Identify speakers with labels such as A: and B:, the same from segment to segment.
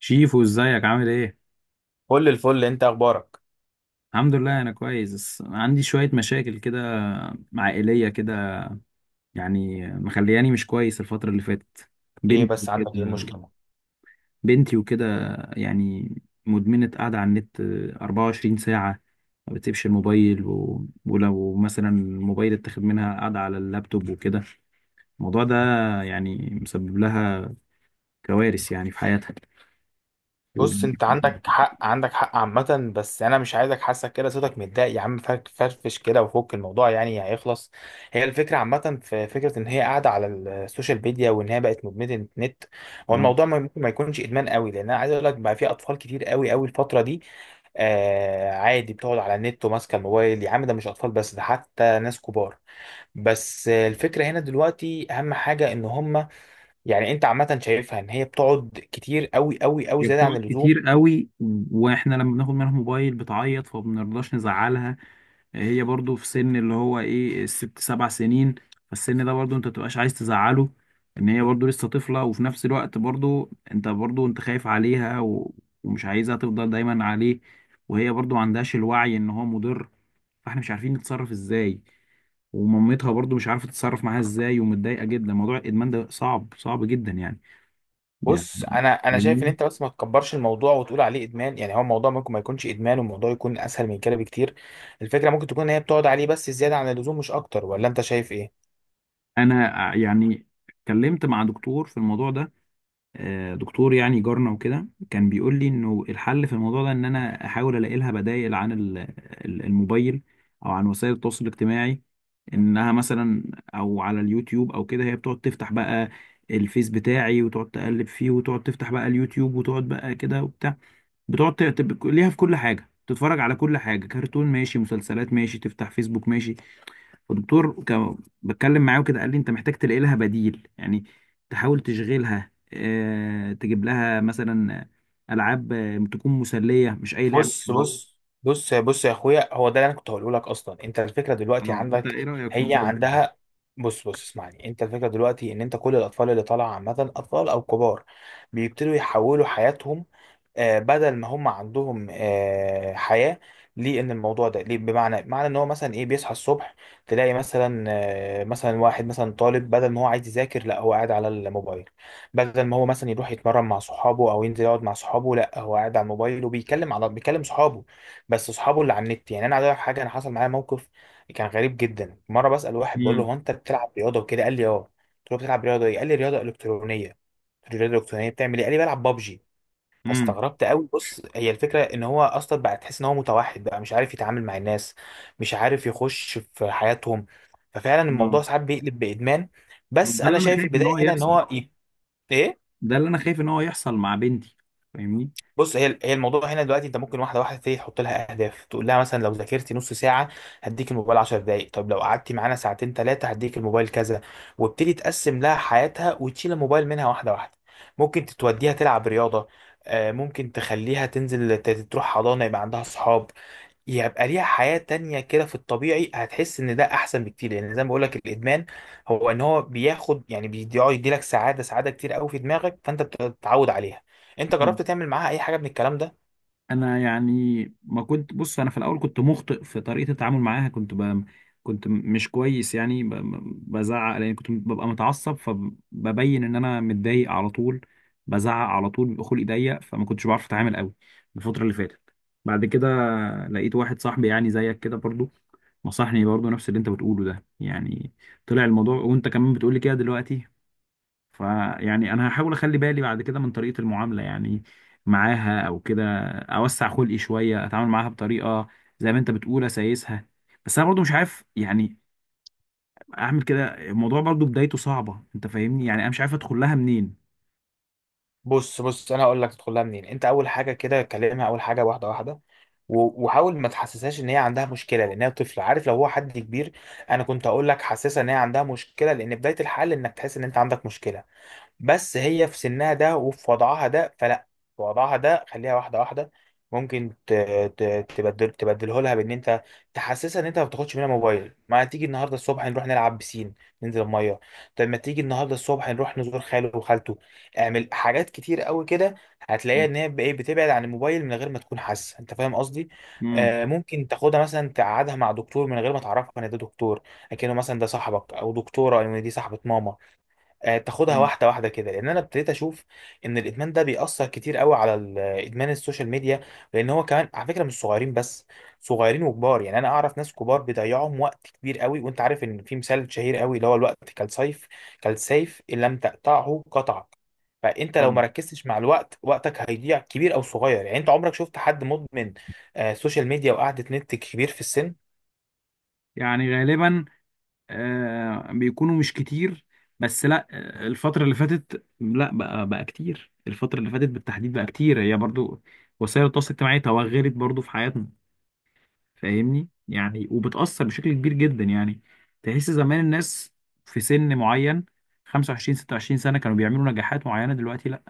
A: شيفو، ازيك؟ عامل ايه؟
B: كل الفل. انت اخبارك؟
A: الحمد لله، انا كويس بس عندي شوية مشاكل كده، عائلية كده، يعني مخلياني مش كويس الفترة اللي فاتت.
B: ايه
A: بنتي
B: بس،
A: وكده
B: عندك ايه المشكله؟
A: بنتي وكده. يعني مدمنة قاعدة على النت 24 ساعة، ما بتسيبش الموبايل و... ولو مثلا الموبايل اتاخد منها، قاعدة على اللابتوب وكده. الموضوع ده يعني مسبب لها كوارث يعني في حياتها. و...
B: بص، انت عندك حق، عامه، بس انا مش عايزك حاسك كده، صوتك متضايق. يا عم فرفش كده وفك الموضوع، يعني هيخلص. هي الفكره عامه، في فكره ان هي قاعده على السوشيال ميديا وان هي بقت مدمنه النت. هو الموضوع ممكن ما يكونش ادمان قوي، لان انا عايز اقول لك بقى في اطفال كتير قوي قوي الفتره دي. آه، عادي بتقعد على النت وماسكه الموبايل، يا عم ده مش اطفال بس، ده حتى ناس كبار. بس آه، الفكره هنا دلوقتي اهم حاجه ان هم، يعني انت عامه شايفها ان هي بتقعد كتير قوي قوي قوي
A: هي
B: زياده عن
A: بتقعد
B: اللزوم.
A: كتير قوي، واحنا لما بناخد منها موبايل بتعيط فبنرضاش نزعلها. هي برضو في سن اللي هو ايه الست سبع سنين، فالسن ده برضو انت متبقاش عايز تزعله، ان هي برضو لسه طفلة، وفي نفس الوقت برضو انت خايف عليها ومش عايزها تفضل دايما عليه، وهي برضو ما عندهاش الوعي ان هو مضر، فاحنا مش عارفين نتصرف ازاي، ومامتها برضو مش عارفة تتصرف معاها ازاي ومتضايقة جدا. موضوع الادمان ده صعب، صعب جدا يعني.
B: بص، انا شايف ان
A: يعني
B: انت بس ما تكبرش الموضوع وتقول عليه ادمان، يعني هو الموضوع ممكن ما يكونش ادمان والموضوع يكون اسهل من كده بكتير. الفكره ممكن تكون ان هي بتقعد عليه بس زياده عن اللزوم مش اكتر، ولا انت شايف ايه؟
A: انا يعني اتكلمت مع دكتور في الموضوع ده. دكتور يعني جارنا وكده، كان بيقول لي انه الحل في الموضوع ده ان انا احاول الاقي لها بدائل عن الموبايل، او عن وسائل التواصل الاجتماعي، انها مثلا او على اليوتيوب او كده. هي بتقعد تفتح بقى الفيس بتاعي وتقعد تقلب فيه، وتقعد تفتح بقى اليوتيوب وتقعد بقى كده وبتاع، بتقعد ليها في كل حاجة، تتفرج على كل حاجة، كرتون ماشي، مسلسلات ماشي، تفتح فيسبوك ماشي. فالدكتور كان بتكلم معاه وكده، قال لي انت محتاج تلاقي لها بديل يعني، تحاول تشغلها، اه تجيب لها مثلا العاب، تكون مسليه مش اي لعبه
B: بص
A: خلاص.
B: بص بص يا اخويا، هو ده اللي انا كنت هقوله لك اصلا، انت الفكره دلوقتي
A: اه، انت
B: عندك،
A: ايه رايك في
B: هي
A: الموضوع ده؟
B: عندها. بص اسمعني، انت الفكره دلوقتي ان انت كل الاطفال اللي طالعه عامه، اطفال او كبار، بيبتدوا يحولوا حياتهم. آه، بدل ما هم عندهم آه، حياة للموضوع الموضوع ده ليه، بمعنى معنى ان هو مثلا ايه، بيصحى الصبح تلاقي مثلا آه، مثلا واحد مثلا طالب، بدل ما هو عايز يذاكر لا هو قاعد على الموبايل. بدل ما هو مثلا يروح يتمرن مع صحابه او ينزل يقعد مع صحابه، لا هو قاعد على الموبايل وبيتكلم على، بيكلم صحابه، بس صحابه اللي على النت. يعني انا عايز أقول لك حاجه، انا حصل معايا موقف كان غريب جدا. مره بسال واحد بقول له:
A: امم.
B: هو انت بتلعب رياضه وكده؟ قال لي: اه. قلت له: بتلعب رياضه ايه؟ قال لي: رياضه الكترونيه. قلت له: رياضه الكترونيه بتعمل ايه؟ قال لي: بلعب بابجي.
A: امم.
B: فاستغربت قوي. بص، هي الفكره ان هو اصلا بقى تحس ان هو متوحد بقى، مش عارف يتعامل مع الناس، مش عارف يخش في حياتهم. ففعلا
A: اه،
B: الموضوع ساعات بيقلب بادمان. بس
A: ده
B: انا
A: اللي انا
B: شايف
A: خايف ان
B: البدايه
A: هو
B: هنا ان
A: يحصل،
B: هو ايه.
A: ده اللي انا خايف ان هو يحصل مع بنتي، فاهمني.
B: بص، هي الموضوع هنا دلوقتي انت ممكن واحده واحده تبتدي تحط لها اهداف. تقول لها مثلا: لو ذاكرتي نص ساعه هديك الموبايل 10 دقائق، طب لو قعدتي معانا ساعتين ثلاثه هديك الموبايل كذا. وابتدي تقسم لها حياتها وتشيل الموبايل منها واحده واحده. ممكن توديها تلعب رياضه، آه، ممكن تخليها تنزل تروح حضانه يبقى عندها صحاب، يبقى ليها حياة تانية كده في الطبيعي. هتحس ان ده احسن بكتير، لان زي ما بقولك الادمان هو ان هو بياخد، يعني بيقعد يديلك سعادة، سعادة كتير قوي في دماغك، فانت بتتعود عليها. انت جربت تعمل معاها اي حاجة من الكلام ده؟
A: انا يعني ما كنت، بص انا في الاول كنت مخطئ في طريقه التعامل معاها، كنت كنت مش كويس يعني، بزعق لان كنت ببقى متعصب، فببين ان انا متضايق على طول، بزعق على طول، بيبقى خلقي ضيق، فما كنتش بعرف اتعامل قوي الفتره اللي فاتت. بعد كده لقيت واحد صاحبي يعني زيك كده برضو، نصحني برضو نفس اللي انت بتقوله ده يعني، طلع الموضوع وانت كمان بتقولي كده دلوقتي. فيعني انا هحاول اخلي بالي بعد كده من طريقة المعاملة يعني معاها، او كده اوسع خلقي شوية، اتعامل معاها بطريقة زي ما انت بتقول اسايسها. بس انا برضو مش عارف يعني اعمل كده، الموضوع برضو بدايته صعبة، انت فاهمني يعني، انا مش عارف ادخل لها منين.
B: بص انا هقول لك تدخلها منين. انت اول حاجة كده كلمها اول حاجة واحدة واحدة، وحاول ما تحسسهاش ان هي عندها مشكله، لان هي طفله، عارف؟ لو هو حد كبير انا كنت اقول لك حسسها ان هي عندها مشكله، لان بدايه الحل انك تحس ان انت عندك مشكله. بس هي في سنها ده وفي وضعها ده، فلا. في وضعها ده خليها واحده واحده. ممكن تبدل تبدله لها بان انت تحسسها ان انت ما بتاخدش منها موبايل. ما تيجي النهارده الصبح نروح نلعب بسين، ننزل الميه. طب ما تيجي النهارده الصبح نروح نزور خاله وخالته. اعمل حاجات كتير قوي كده، هتلاقيها ان هي ايه، بتبعد عن الموبايل من غير ما تكون حاسه. انت فاهم قصدي؟
A: امم.
B: آه، ممكن تاخدها مثلا تقعدها مع دكتور من غير ما تعرفها ان ده دكتور، لكنه مثلا ده صاحبك او دكتوره، او إن دي صاحبه ماما. آه، تاخدها
A: امم.
B: واحده واحده كده، لان انا ابتديت اشوف ان الادمان ده بيأثر كتير قوي. على ادمان السوشيال ميديا، لان هو كمان على فكره مش صغيرين بس، صغيرين وكبار. يعني انا اعرف ناس كبار بيضيعهم وقت كبير قوي. وانت عارف ان في مثال شهير قوي اللي هو: الوقت كالسيف، كالسيف ان لم تقطعه قطعك. فانت لو ما
A: طبعا.
B: ركزتش مع الوقت، وقتك هيضيع، كبير او صغير. يعني انت عمرك شفت حد مدمن، آه، سوشيال ميديا وقعدة نت، كبير في السن؟
A: يعني غالبا آه بيكونوا مش كتير، بس لا، الفترة اللي فاتت لا، بقى كتير، الفترة اللي فاتت بالتحديد بقى كتير، هي برضو وسائل التواصل الاجتماعي توغلت برضو في حياتنا، فاهمني يعني، وبتأثر بشكل كبير جدا يعني. تحس زمان الناس في سن معين، 25 26 سنة، كانوا بيعملوا نجاحات معينة، دلوقتي لا،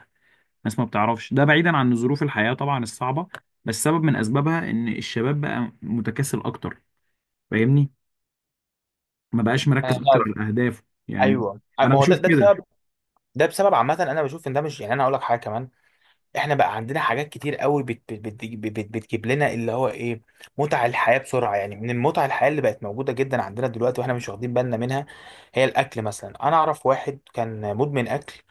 A: الناس ما بتعرفش، ده بعيدا عن ظروف الحياة طبعا الصعبة، بس سبب من أسبابها إن الشباب بقى متكاسل أكتر، فاهمني، ما بقاش
B: انا
A: مركز أكتر
B: فعلا،
A: على أهدافه، يعني
B: ايوه،
A: أنا
B: ما هو ده
A: بشوف
B: ده
A: كده.
B: بسبب، ده بسبب عامه. انا بشوف ان ده مش، يعني انا هقول لك حاجه كمان، احنا بقى عندنا حاجات كتير قوي بت، بتجيب لنا اللي هو ايه، متع الحياة بسرعة. يعني من المتع الحياة اللي بقت موجودة جدا عندنا دلوقتي واحنا مش واخدين بالنا منها، هي الاكل مثلا. انا اعرف واحد كان مدمن اكل.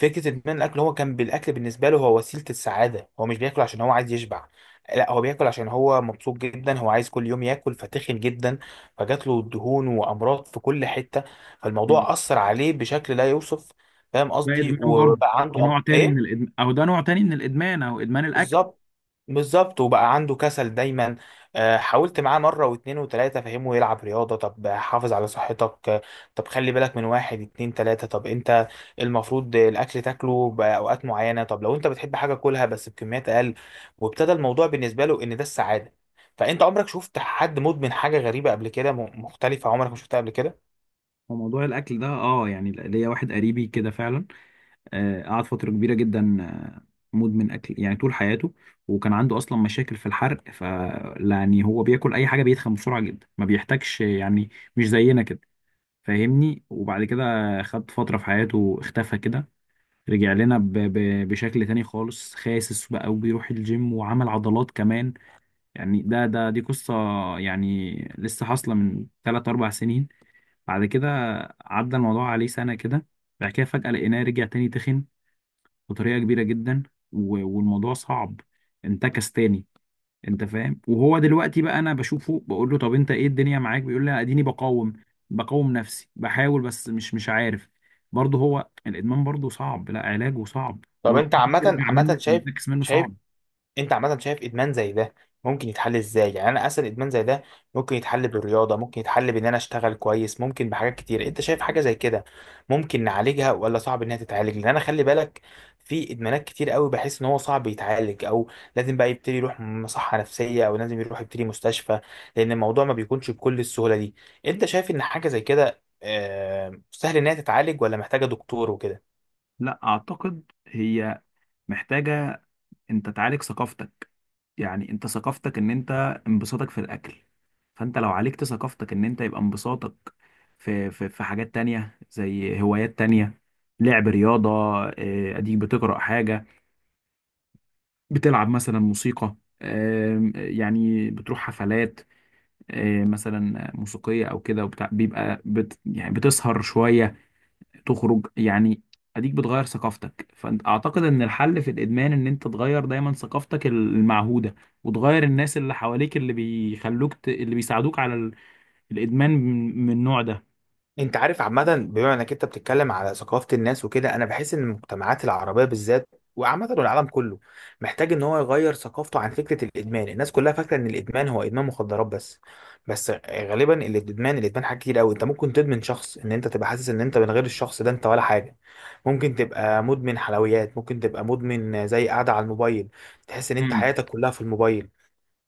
B: فكرة ادمان الاكل، هو كان بالاكل بالنسبة له هو وسيلة السعادة. هو مش بياكل عشان هو عايز يشبع، لا، هو بياكل عشان هو مبسوط جدا، هو عايز كل يوم ياكل، فتخن جدا. فجات له دهون وامراض في كل حتة، فالموضوع اثر عليه بشكل لا يوصف. فاهم
A: ده
B: قصدي؟
A: إدمان برضه،
B: وبقى
A: ده
B: عنده
A: نوع تاني من
B: ايه.
A: الإدمان، أو ده نوع تاني من الإدمان أو إدمان الأكل.
B: بالظبط. بالظبط، وبقى عنده كسل دايما. آه، حاولت معاه مره واتنين وتلاته، فهمه يلعب رياضه، طب حافظ على صحتك، آه، طب خلي بالك من واحد اتنين تلاته، طب انت المفروض الاكل تاكله باوقات معينه، طب لو انت بتحب حاجه كلها بس بكميات اقل. وابتدى الموضوع بالنسبه له ان ده السعاده. فانت عمرك شفت حد مدمن حاجه غريبه قبل كده، مختلفه عمرك ما شفتها قبل كده؟
A: هو موضوع الأكل ده أه، يعني ليا واحد قريبي كده فعلا، قعد فترة كبيرة جدا، مدمن أكل يعني طول حياته، وكان عنده أصلا مشاكل في الحرق، ف يعني هو بياكل أي حاجة بيتخن بسرعة جدا، ما بيحتاجش يعني، مش زينا كده، فاهمني. وبعد كده خد فترة في حياته اختفى كده، رجع لنا بشكل تاني خالص، خاسس بقى وبيروح الجيم وعمل عضلات كمان. يعني ده دي قصة يعني لسه حاصلة من 3 4 سنين. بعد كده عدى الموضوع عليه سنة كده، بعد كده فجأة لقيناه رجع تاني تخن بطريقه كبيره جدا، والموضوع صعب، انتكس تاني، انت فاهم. وهو دلوقتي بقى انا بشوفه بقول له طب انت ايه الدنيا معاك؟ بيقول لي اديني بقاوم، بقاوم نفسي بحاول بس مش عارف، برضه هو الادمان برضه صعب، لا علاجه صعب
B: طب انت عامه
A: وترجع
B: عامه
A: منه
B: شايف
A: تنتكس منه
B: شايف
A: صعب.
B: انت عامه شايف ادمان زي ده ممكن يتحل ازاي؟ يعني انا اسال، ادمان زي ده ممكن يتحل بالرياضه، ممكن يتحل بان انا اشتغل كويس، ممكن بحاجات كتير. انت شايف حاجه زي كده ممكن نعالجها، ولا صعب انها تتعالج؟ لان انا خلي بالك، في ادمانات كتير قوي بحس ان هو صعب يتعالج، او لازم بقى يبتدي يروح مصحه نفسيه، او لازم يروح يبتدي مستشفى، لان الموضوع ما بيكونش بكل السهوله دي. انت شايف ان حاجه زي كده آه، سهل انها تتعالج، ولا محتاجه دكتور وكده؟
A: لا اعتقد هي محتاجه، انت تعالج ثقافتك، يعني انت ثقافتك ان انت انبساطك في الاكل، فانت لو عالجت ثقافتك ان انت يبقى انبساطك في حاجات تانية زي هوايات تانية، لعب رياضة، اديك بتقرأ حاجة، بتلعب مثلا موسيقى، يعني بتروح حفلات، مثلا موسيقية او كده وبتاع، بيبقى يعني بتسهر شوية، تخرج يعني، اديك بتغير ثقافتك. فانت اعتقد ان الحل في الادمان ان انت تغير دايما ثقافتك المعهودة، وتغير الناس اللي حواليك اللي بيخلوك اللي بيساعدوك على الادمان من النوع ده.
B: انت عارف عامة، بما انك انت بتتكلم على ثقافة الناس وكده، انا بحس ان المجتمعات العربية بالذات وعامة العالم كله محتاج ان هو يغير ثقافته عن فكرة الادمان. الناس كلها فاكرة ان الادمان هو ادمان مخدرات بس، بس غالبا الادمان حاجات كتير قوي. انت ممكن تدمن شخص، ان انت تبقى حاسس ان انت من غير الشخص ده انت ولا حاجة. ممكن تبقى مدمن حلويات، ممكن تبقى مدمن زي قاعدة على الموبايل، تحس ان انت
A: امم.
B: حياتك كلها في الموبايل.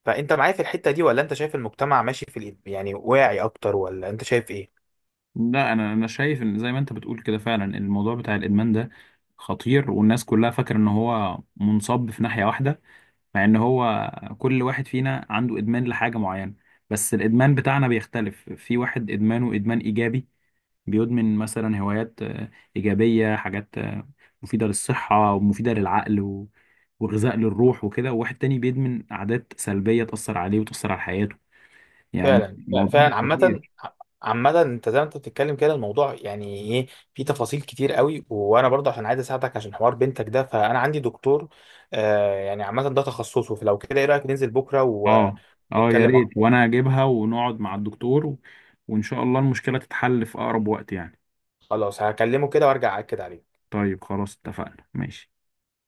B: فانت معايا في الحتة دي، ولا انت شايف المجتمع ماشي في يعني واعي اكتر، ولا انت شايف ايه؟
A: لا انا، انا شايف ان زي ما انت بتقول كده فعلا الموضوع بتاع الادمان ده خطير، والناس كلها فاكره ان هو منصب في ناحيه واحده، مع ان هو كل واحد فينا عنده ادمان لحاجه معينه، بس الادمان بتاعنا بيختلف، في واحد ادمانه ادمان ايجابي، بيدمن مثلا هوايات إيجابية، حاجات مفيدة للصحة ومفيدة للعقل وغذاء للروح وكده، وواحد تاني بيدمن عادات سلبية تأثر عليه وتأثر على حياته، يعني
B: فعلا.
A: الموضوع ده
B: فعلا.
A: خطير.
B: عامة انت زي ما انت بتتكلم كده، الموضوع يعني ايه، في تفاصيل كتير قوي. وانا برضه عشان عايز اساعدك عشان حوار بنتك ده، فانا عندي دكتور، آه، يعني عامة ده تخصصه. فلو كده ايه رأيك ننزل بكرة
A: اه. اه يا
B: ونتكلم
A: ريت،
B: اكتر.
A: وانا اجيبها ونقعد مع الدكتور وان شاء الله المشكلة تتحل في اقرب وقت يعني.
B: خلاص، هكلمه كده وارجع اكد عليك.
A: طيب خلاص، اتفقنا، ماشي.